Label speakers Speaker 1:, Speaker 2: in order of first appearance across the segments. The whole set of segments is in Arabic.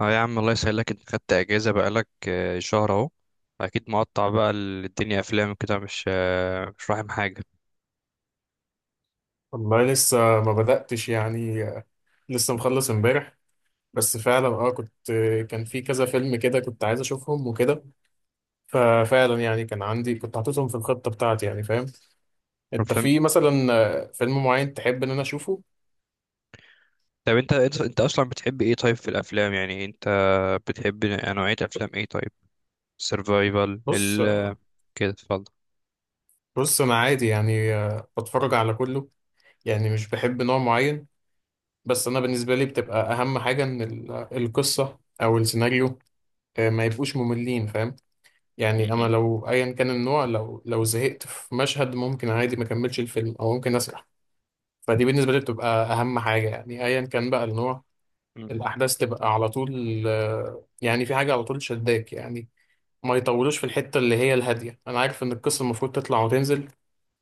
Speaker 1: اه يا عم الله يسهلك، انت خدت اجازه بقالك شهر اهو. اكيد مقطع بقى، الدنيا افلام كده مش مش فاهم حاجه.
Speaker 2: والله لسه ما بدأتش يعني. لسه مخلص امبارح. بس فعلا كنت، كان في كذا فيلم كده كنت عايز اشوفهم وكده. ففعلا يعني كان عندي، كنت حاططهم في الخطة بتاعتي، يعني فاهم. انت
Speaker 1: افلام.
Speaker 2: في مثلا فيلم معين تحب ان انا اشوفه؟
Speaker 1: طب انت اصلا بتحب ايه طيب في الافلام، يعني انت بتحب نوعيه افلام ايه طيب؟ سيرفايفل
Speaker 2: بص آه،
Speaker 1: كده اتفضل.
Speaker 2: بص انا عادي يعني، بتفرج على كله. يعني مش بحب نوع معين. بس انا بالنسبة لي بتبقى اهم حاجة ان القصة او السيناريو، ما يبقوش مملين، فاهم.
Speaker 1: م-
Speaker 2: يعني انا
Speaker 1: م-
Speaker 2: لو ايا كان النوع، لو زهقت في مشهد ممكن عادي ما اكملش الفيلم او ممكن اسرح. فدي بالنسبه لي بتبقى اهم حاجه، يعني ايا كان بقى النوع،
Speaker 1: م-
Speaker 2: الاحداث تبقى على طول، يعني في حاجه على طول شداك يعني. ما يطولوش في الحته اللي هي الهاديه، انا عارف ان القصه المفروض تطلع وتنزل،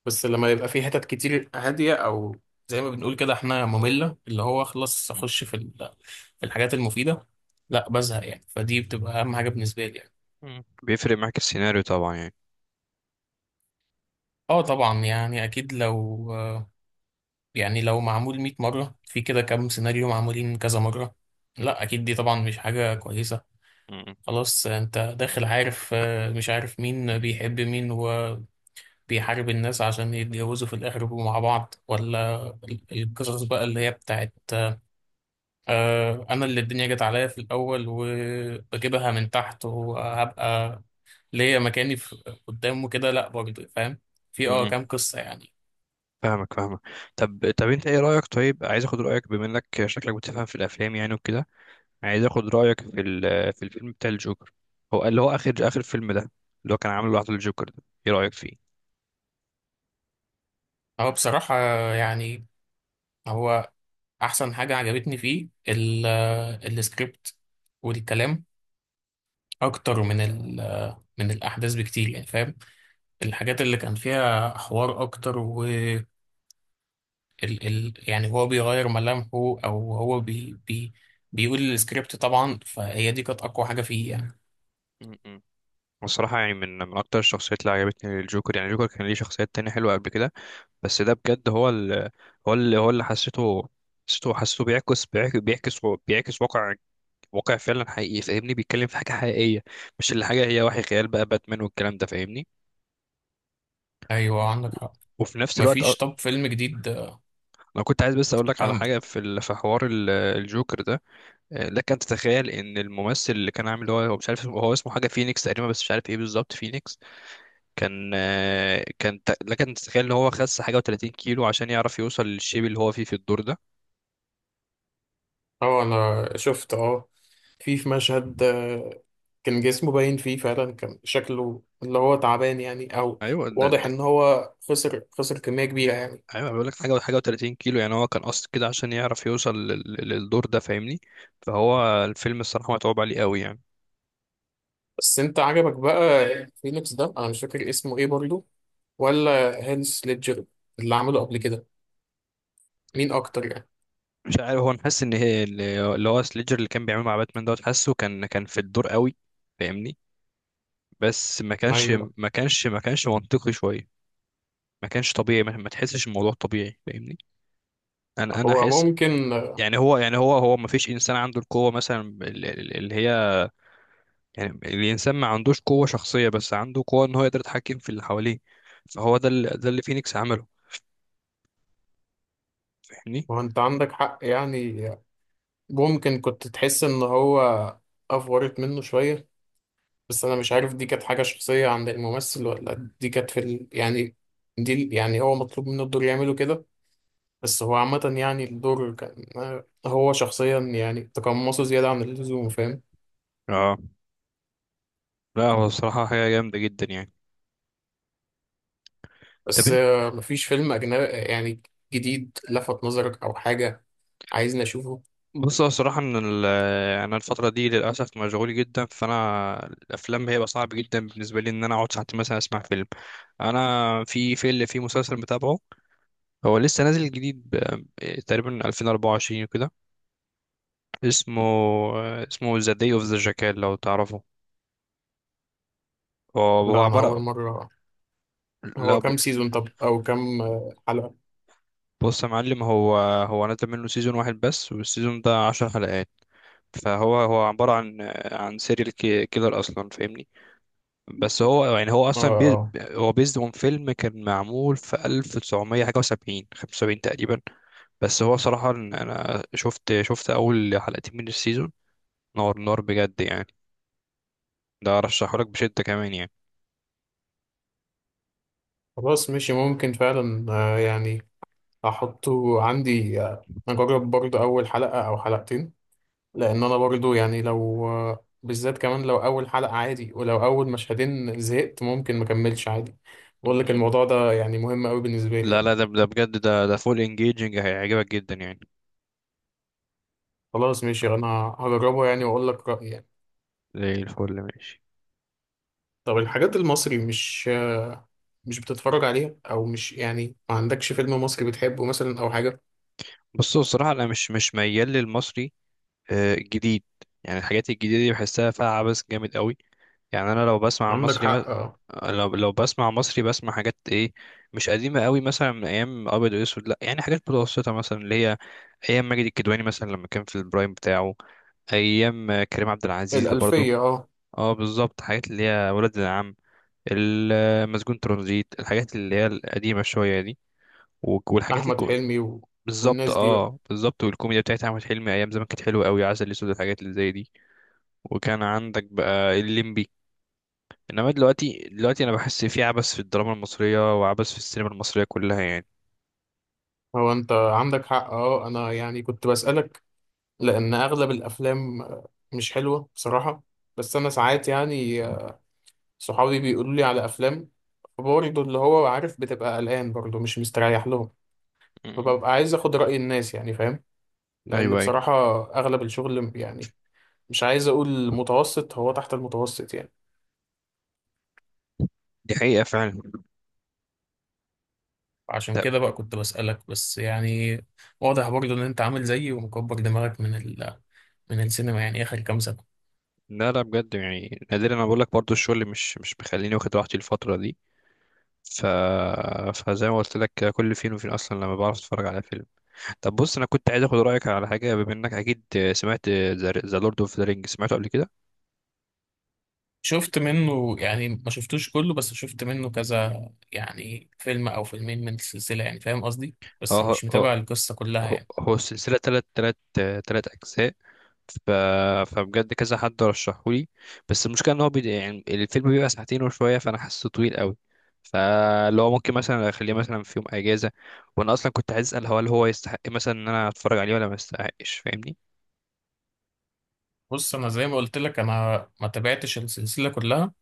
Speaker 2: بس لما يبقى في حتت كتير هاديه، او زي ما بنقول كده احنا، ممله، اللي هو خلاص اخش في في الحاجات المفيده، لا بزهق، يعني. فدي بتبقى اهم حاجه بالنسبه لي يعني.
Speaker 1: م. بيفرق معاك السيناريو طبعا يعني.
Speaker 2: اه طبعا يعني اكيد لو، يعني لو معمول 100 مرة في كده، كام سيناريو معمولين كذا مرة، لا أكيد دي طبعا مش حاجة كويسة.
Speaker 1: م-
Speaker 2: خلاص أنت داخل عارف، مش عارف مين بيحب مين، وبيحارب الناس عشان يتجوزوا في الآخر يبقوا مع بعض، ولا القصص بقى اللي هي بتاعت أنا اللي الدنيا جت عليا في الأول وبجيبها من تحت وهبقى ليا مكاني في قدامه كده، لا برضه، فاهم. في
Speaker 1: م- م.
Speaker 2: كام قصة يعني.
Speaker 1: فاهمك فاهمك. طب انت ايه رايك، طيب عايز اخد رايك بما انك شكلك بتفهم في الافلام يعني وكده. عايز اخد رايك في في الفيلم بتاع الجوكر، هو اللي هو اخر فيلم ده، اللي هو كان عامله لوحده الجوكر ده، ايه رايك فيه؟
Speaker 2: هو بصراحة، يعني، هو احسن حاجه عجبتني فيه السكريبت والكلام، اكتر من من الاحداث بكتير، يعني فاهم، الحاجات اللي كان فيها حوار اكتر. و ال يعني هو بيغير ملامحه، او هو بي بيقول السكريبت طبعا، فهي دي كانت اقوى حاجه فيه يعني.
Speaker 1: م-م. الصراحة يعني من أكتر الشخصيات اللي عجبتني الجوكر، يعني الجوكر كان ليه شخصيات تانية حلوة قبل كده، بس ده بجد هو اللي حسيته بيعكس واقع فعلا حقيقي، فاهمني، بيتكلم في حاجة حقيقية، مش اللي حاجة هي وحي خيال بقى باتمان والكلام ده، فاهمني.
Speaker 2: ايوه عندك
Speaker 1: و-
Speaker 2: حق.
Speaker 1: وفي نفس الوقت
Speaker 2: مفيش طب فيلم جديد
Speaker 1: أنا كنت عايز بس أقول لك على
Speaker 2: كان؟
Speaker 1: حاجة في في حوار الجوكر ده. لك ان تتخيل ان الممثل اللي كان عامل هو مش عارف هو اسمه حاجه فينيكس تقريبا، بس مش عارف ايه بالظبط فينيكس. كان كان لك ان تتخيل ان هو خس حاجه و30 كيلو عشان يعرف يوصل للشيب اللي هو فيه في الدور ده.
Speaker 2: اه انا شفت، اه، في مشهد كان جسمه باين فيه فعلا، كان شكله اللي هو تعبان يعني، او
Speaker 1: ايوه ده,
Speaker 2: واضح
Speaker 1: ده
Speaker 2: ان هو خسر كمية كبيرة يعني.
Speaker 1: ايوه بقول لك حاجه و30 كيلو، يعني هو كان قصد كده عشان يعرف يوصل للدور ده، فاهمني. فهو الفيلم الصراحه متعوب عليه قوي يعني.
Speaker 2: بس انت عجبك بقى فينيكس ده؟ انا مش فاكر اسمه ايه برضه. ولا هانس ليدجر اللي عمله قبل كده؟ مين اكتر يعني؟
Speaker 1: مش عارف، هو أنا حاسس ان هي اللي هو سليجر اللي كان بيعمل مع باتمان دوت، حاسه كان في الدور قوي، فاهمني. بس ما كانش
Speaker 2: ايوه،
Speaker 1: ما كانش ما كانش منطقي شويه، ما كانش طبيعي، ما تحسش الموضوع طبيعي فاهمني. انا
Speaker 2: هو
Speaker 1: احس،
Speaker 2: ممكن،
Speaker 1: يعني هو ما فيش انسان عنده القوه مثلا اللي هي، يعني الانسان ما عندوش قوه شخصيه، بس عنده قوه ان هو يقدر يتحكم في اللي حواليه. فهو ده اللي فينيكس عمله، فاهمني.
Speaker 2: هو انت عندك حق يعني، ممكن كنت تحس ان هو افورت منه شوية، بس انا مش عارف دي كانت حاجة شخصية عند الممثل، ولا دي كانت في ال... يعني دي يعني هو مطلوب منه الدور يعمله كده. بس هو عامة يعني الدور كان، هو شخصيا يعني تقمصه زيادة عن اللزوم، فاهم.
Speaker 1: اه، لا هو الصراحه حاجه جامده جدا يعني. طب
Speaker 2: بس
Speaker 1: انت،
Speaker 2: مفيش فيلم أجنبي يعني جديد لفت نظرك أو حاجة عايزني أشوفه؟
Speaker 1: بص هو الصراحه ان انا الفتره دي للاسف مشغول جدا، فانا الافلام هيبقى صعب جدا بالنسبه لي ان انا اقعد ساعتين مثلا اسمع فيلم. انا في مسلسل متابعه، هو لسه نازل جديد ب- إيه، تقريبا 2024 وكده. اسمه اسمه ذا داي اوف ذا جاكال، لو تعرفه. هو هو
Speaker 2: لا أنا أول
Speaker 1: عبارة،
Speaker 2: مرة.
Speaker 1: لا
Speaker 2: هو كام سيزون، طب، أو كام حلقة؟
Speaker 1: بص يا معلم، هو هو نزل منه سيزون واحد بس، والسيزون ده 10 حلقات. فهو عبارة عن عن سيريال كيلر أصلا فاهمني. بس هو يعني هو
Speaker 2: اه
Speaker 1: أصلا بي
Speaker 2: اه.
Speaker 1: هو بيزد اون فيلم كان معمول في 1900 حاجة وسبعين، 75 تقريبا. بس هو صراحة أنا شفت أول حلقتين من السيزون، نار نار، بجد يعني، ده ارشحهولك بشدة كمان يعني.
Speaker 2: خلاص ماشي، ممكن فعلا، يعني، أحطه عندي، أجرب برضه أول حلقة أو حلقتين، لان انا برضو يعني، لو بالذات كمان لو اول حلقة عادي، ولو اول مشهدين زهقت ممكن ما اكملش عادي. بقول لك
Speaker 1: م-م.
Speaker 2: الموضوع ده يعني مهم قوي بالنسبة لي
Speaker 1: لا
Speaker 2: يعني.
Speaker 1: لا، ده ده بجد ده ده فول انجيجنج، هيعجبك جدا يعني.
Speaker 2: خلاص ماشي، انا هجربه يعني، واقول لك رأيي يعني.
Speaker 1: زي الفل ماشي.
Speaker 2: طب الحاجات المصري مش بتتفرج عليها؟ او مش، يعني ما عندكش فيلم مصري بتحبه مثلا او حاجة؟
Speaker 1: بص هو الصراحة انا مش ميال للمصري الجديد، يعني الحاجات الجديدة دي بحسها فيها عبث جامد قوي. يعني انا لو بسمع
Speaker 2: عندك
Speaker 1: مصري
Speaker 2: حق،
Speaker 1: ما...
Speaker 2: اه.
Speaker 1: لو بسمع مصري بسمع حاجات ايه، مش قديمه قوي مثلا من ايام ابيض واسود، لا يعني حاجات متوسطه مثلا، اللي هي ايام ماجد الكدواني مثلا لما كان في البرايم بتاعه، ايام كريم عبد العزيز اللي برضه.
Speaker 2: الألفية، اه.
Speaker 1: اه بالظبط، حاجات اللي هي ولاد العم، المسجون، ترانزيت، الحاجات اللي هي القديمة شوية دي. والحاجات
Speaker 2: احمد
Speaker 1: الكو...
Speaker 2: حلمي و...
Speaker 1: بالظبط
Speaker 2: والناس دي بقى.
Speaker 1: اه بالظبط، والكوميديا بتاعت احمد حلمي ايام زمان كانت حلوه قوي، عسل اسود، الحاجات اللي زي دي. وكان عندك بقى الليمبي. انما دلوقتي، انا بحس في عبث في الدراما المصريه، وعبث في السينما المصريه كلها يعني.
Speaker 2: هو انت عندك حق، اه. انا يعني كنت بسألك لأن أغلب الأفلام مش حلوة بصراحة. بس أنا ساعات يعني صحابي بيقولوا لي على أفلام، برضه اللي هو عارف بتبقى قلقان، برضه مش مستريح لهم،
Speaker 1: م-م.
Speaker 2: فببقى عايز أخد رأي الناس يعني، فاهم. لأن
Speaker 1: ايوه ايوه،
Speaker 2: بصراحة أغلب الشغل يعني، مش عايز أقول متوسط، هو تحت المتوسط يعني.
Speaker 1: دي حقيقه فعلا.
Speaker 2: عشان
Speaker 1: طب،
Speaker 2: كده بقى كنت بسألك بس، يعني واضح برضه إن أنت عامل زيي ومكبر دماغك من السينما يعني آخر كام سنة.
Speaker 1: لا لا بجد يعني نادرا، انا بقول لك برضه الشغل مش مخليني واخد راحتي الفتره دي. ف... فزي ما قلت لك كده كل فين وفين اصلا لما بعرف اتفرج على فيلم. طب بص انا كنت عايز اخد رايك على حاجه بما انك اكيد سمعت ذا لورد اوف ذا رينج، سمعته قبل كده؟
Speaker 2: شفت منه يعني، ما شفتوش كله، بس شفت منه كذا يعني فيلم او فيلمين من السلسله، يعني فاهم قصدي،
Speaker 1: اه،
Speaker 2: بس
Speaker 1: هو
Speaker 2: مش
Speaker 1: هو
Speaker 2: متابع القصه كلها يعني.
Speaker 1: هو السلسله تلات تلات اجزاء. ف... فبجد كذا حد رشحهولي، بس المشكله ان هو بي... يعني الفيلم بيبقى ساعتين وشويه، فانا حاسه طويل قوي. فلو ممكن مثلا اخليه مثلا في يوم اجازه، وانا اصلا كنت عايز اسال، هو هل هو يستحق مثلا ان انا اتفرج عليه، ولا ما يستحقش فاهمني؟
Speaker 2: بص انا زي ما قلت لك، انا ما تابعتش السلسله كلها،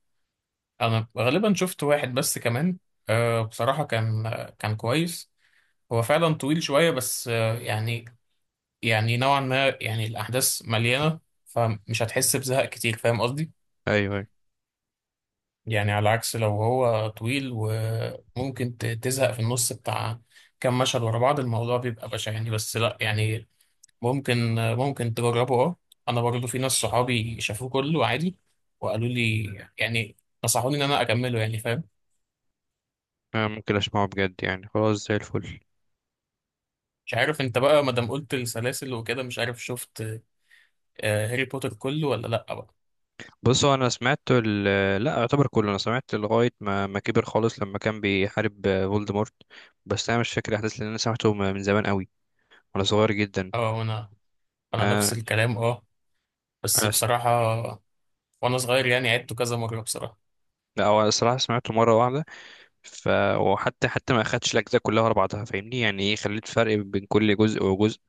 Speaker 2: انا غالبا شفت واحد بس كمان. بصراحه كان كويس. هو فعلا طويل شويه بس يعني، يعني نوعا ما، يعني الاحداث مليانه، فمش هتحس بزهق كتير، فاهم قصدي.
Speaker 1: ايوه ايوه،
Speaker 2: يعني على عكس لو هو طويل وممكن تزهق في النص، بتاع كام مشهد ورا بعض الموضوع بيبقى بشع يعني. بس لا يعني، ممكن تجربه، اه. انا برضو في ناس صحابي شافوه كله عادي، وقالوا لي يعني، نصحوني ان انا اكمله، يعني فاهم.
Speaker 1: أنا ممكن اسمعه بجد يعني، خلاص زي الفل.
Speaker 2: مش عارف انت بقى، ما دام قلت السلاسل وكده، مش عارف شفت هاري بوتر كله ولا لا بقى؟
Speaker 1: بص هو انا سمعت ال... لا يعتبر كله، انا سمعت لغايه ما كبر خالص لما كان بيحارب فولدمورت. بس انا مش فاكر الاحداث لان انا سمعته من زمان قوي، وانا صغير جدا.
Speaker 2: اه انا نفس
Speaker 1: انا
Speaker 2: الكلام، اه. بس
Speaker 1: انا س-
Speaker 2: بصراحة وانا صغير يعني عدته كذا مرة بصراحة.
Speaker 1: لا هو أنا الصراحه سمعته مره واحده. ف وحتى ما اخدتش الاجزاء كلها ورا بعضها فاهمني، يعني ايه خليت فرق بين كل جزء وجزء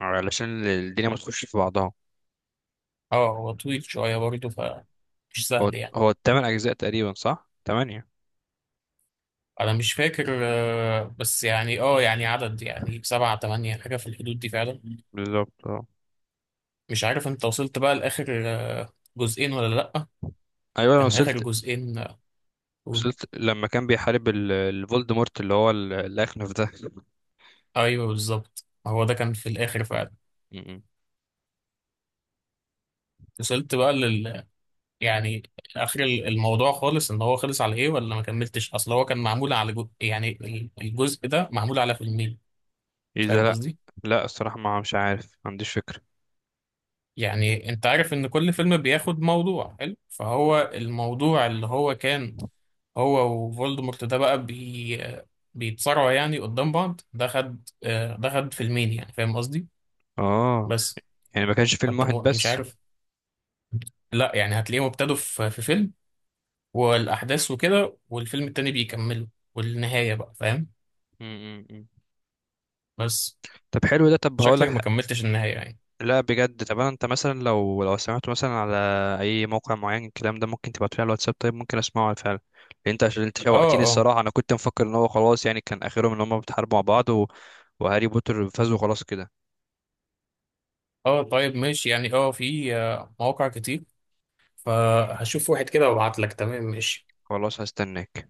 Speaker 1: علشان الدنيا ما تخش في بعضها.
Speaker 2: اه هو طويل شوية برضو، فمش
Speaker 1: هو
Speaker 2: سهل يعني.
Speaker 1: هو ال8 اجزاء تقريبا، صح، 8.
Speaker 2: انا مش فاكر بس يعني، يعني عدد، يعني سبعة تمانية حاجة في الحدود دي فعلا.
Speaker 1: بالظبط اه.
Speaker 2: مش عارف انت وصلت بقى لاخر جزئين ولا لأ؟
Speaker 1: ايوه انا
Speaker 2: كان اخر
Speaker 1: وصلت،
Speaker 2: جزئين قول.
Speaker 1: وصلت لما كان بيحارب الفولدمورت اللي هو الاخنف ده.
Speaker 2: ايوه بالظبط، هو ده كان في الاخر فعلا. وصلت بقى لل، يعني، اخر الموضوع خالص، ان هو خلص على ايه، ولا ما كملتش؟ اصل هو كان معمول على جو... يعني الجزء ده معمول على فيلمين،
Speaker 1: ايه ده،
Speaker 2: فاهم
Speaker 1: لا
Speaker 2: قصدي.
Speaker 1: لا الصراحة ما مش عارف، ما عنديش فكرة.
Speaker 2: يعني انت عارف ان كل فيلم بياخد موضوع حلو، فهو الموضوع اللي هو كان هو وفولدمورت ده بقى، بيتصارعوا يعني قدام بعض، ده خد فيلمين يعني، فاهم قصدي.
Speaker 1: اه
Speaker 2: بس،
Speaker 1: يعني ما كانش فيلم
Speaker 2: فانت
Speaker 1: واحد
Speaker 2: مش
Speaker 1: بس.
Speaker 2: عارف؟ لا يعني هتلاقيهم ابتدوا في في فيلم، والاحداث وكده، والفيلم التاني بيكملوا، والنهاية بقى، فاهم.
Speaker 1: م -م -م.
Speaker 2: بس
Speaker 1: طب حلو ده، طب هقول
Speaker 2: شكلك ما
Speaker 1: لك.
Speaker 2: كملتش النهاية يعني.
Speaker 1: لا بجد، طب انا انت مثلا لو سمعته مثلا على اي موقع معين، الكلام ده ممكن تبعته لي على الواتساب طيب، ممكن اسمعه فعلا. لأن انت عشان انت
Speaker 2: اه.
Speaker 1: شوقتني
Speaker 2: اه،
Speaker 1: الصراحة، انا كنت مفكر ان هو خلاص يعني كان اخرهم ان هم بيتحاربوا مع بعض و... وهاري بوتر فازوا خلاص كده.
Speaker 2: اه طيب ماشي يعني. اه في مواقع كتير، فهشوف واحد كده وابعت لك. تمام، ماشي.
Speaker 1: خلاص هستناك.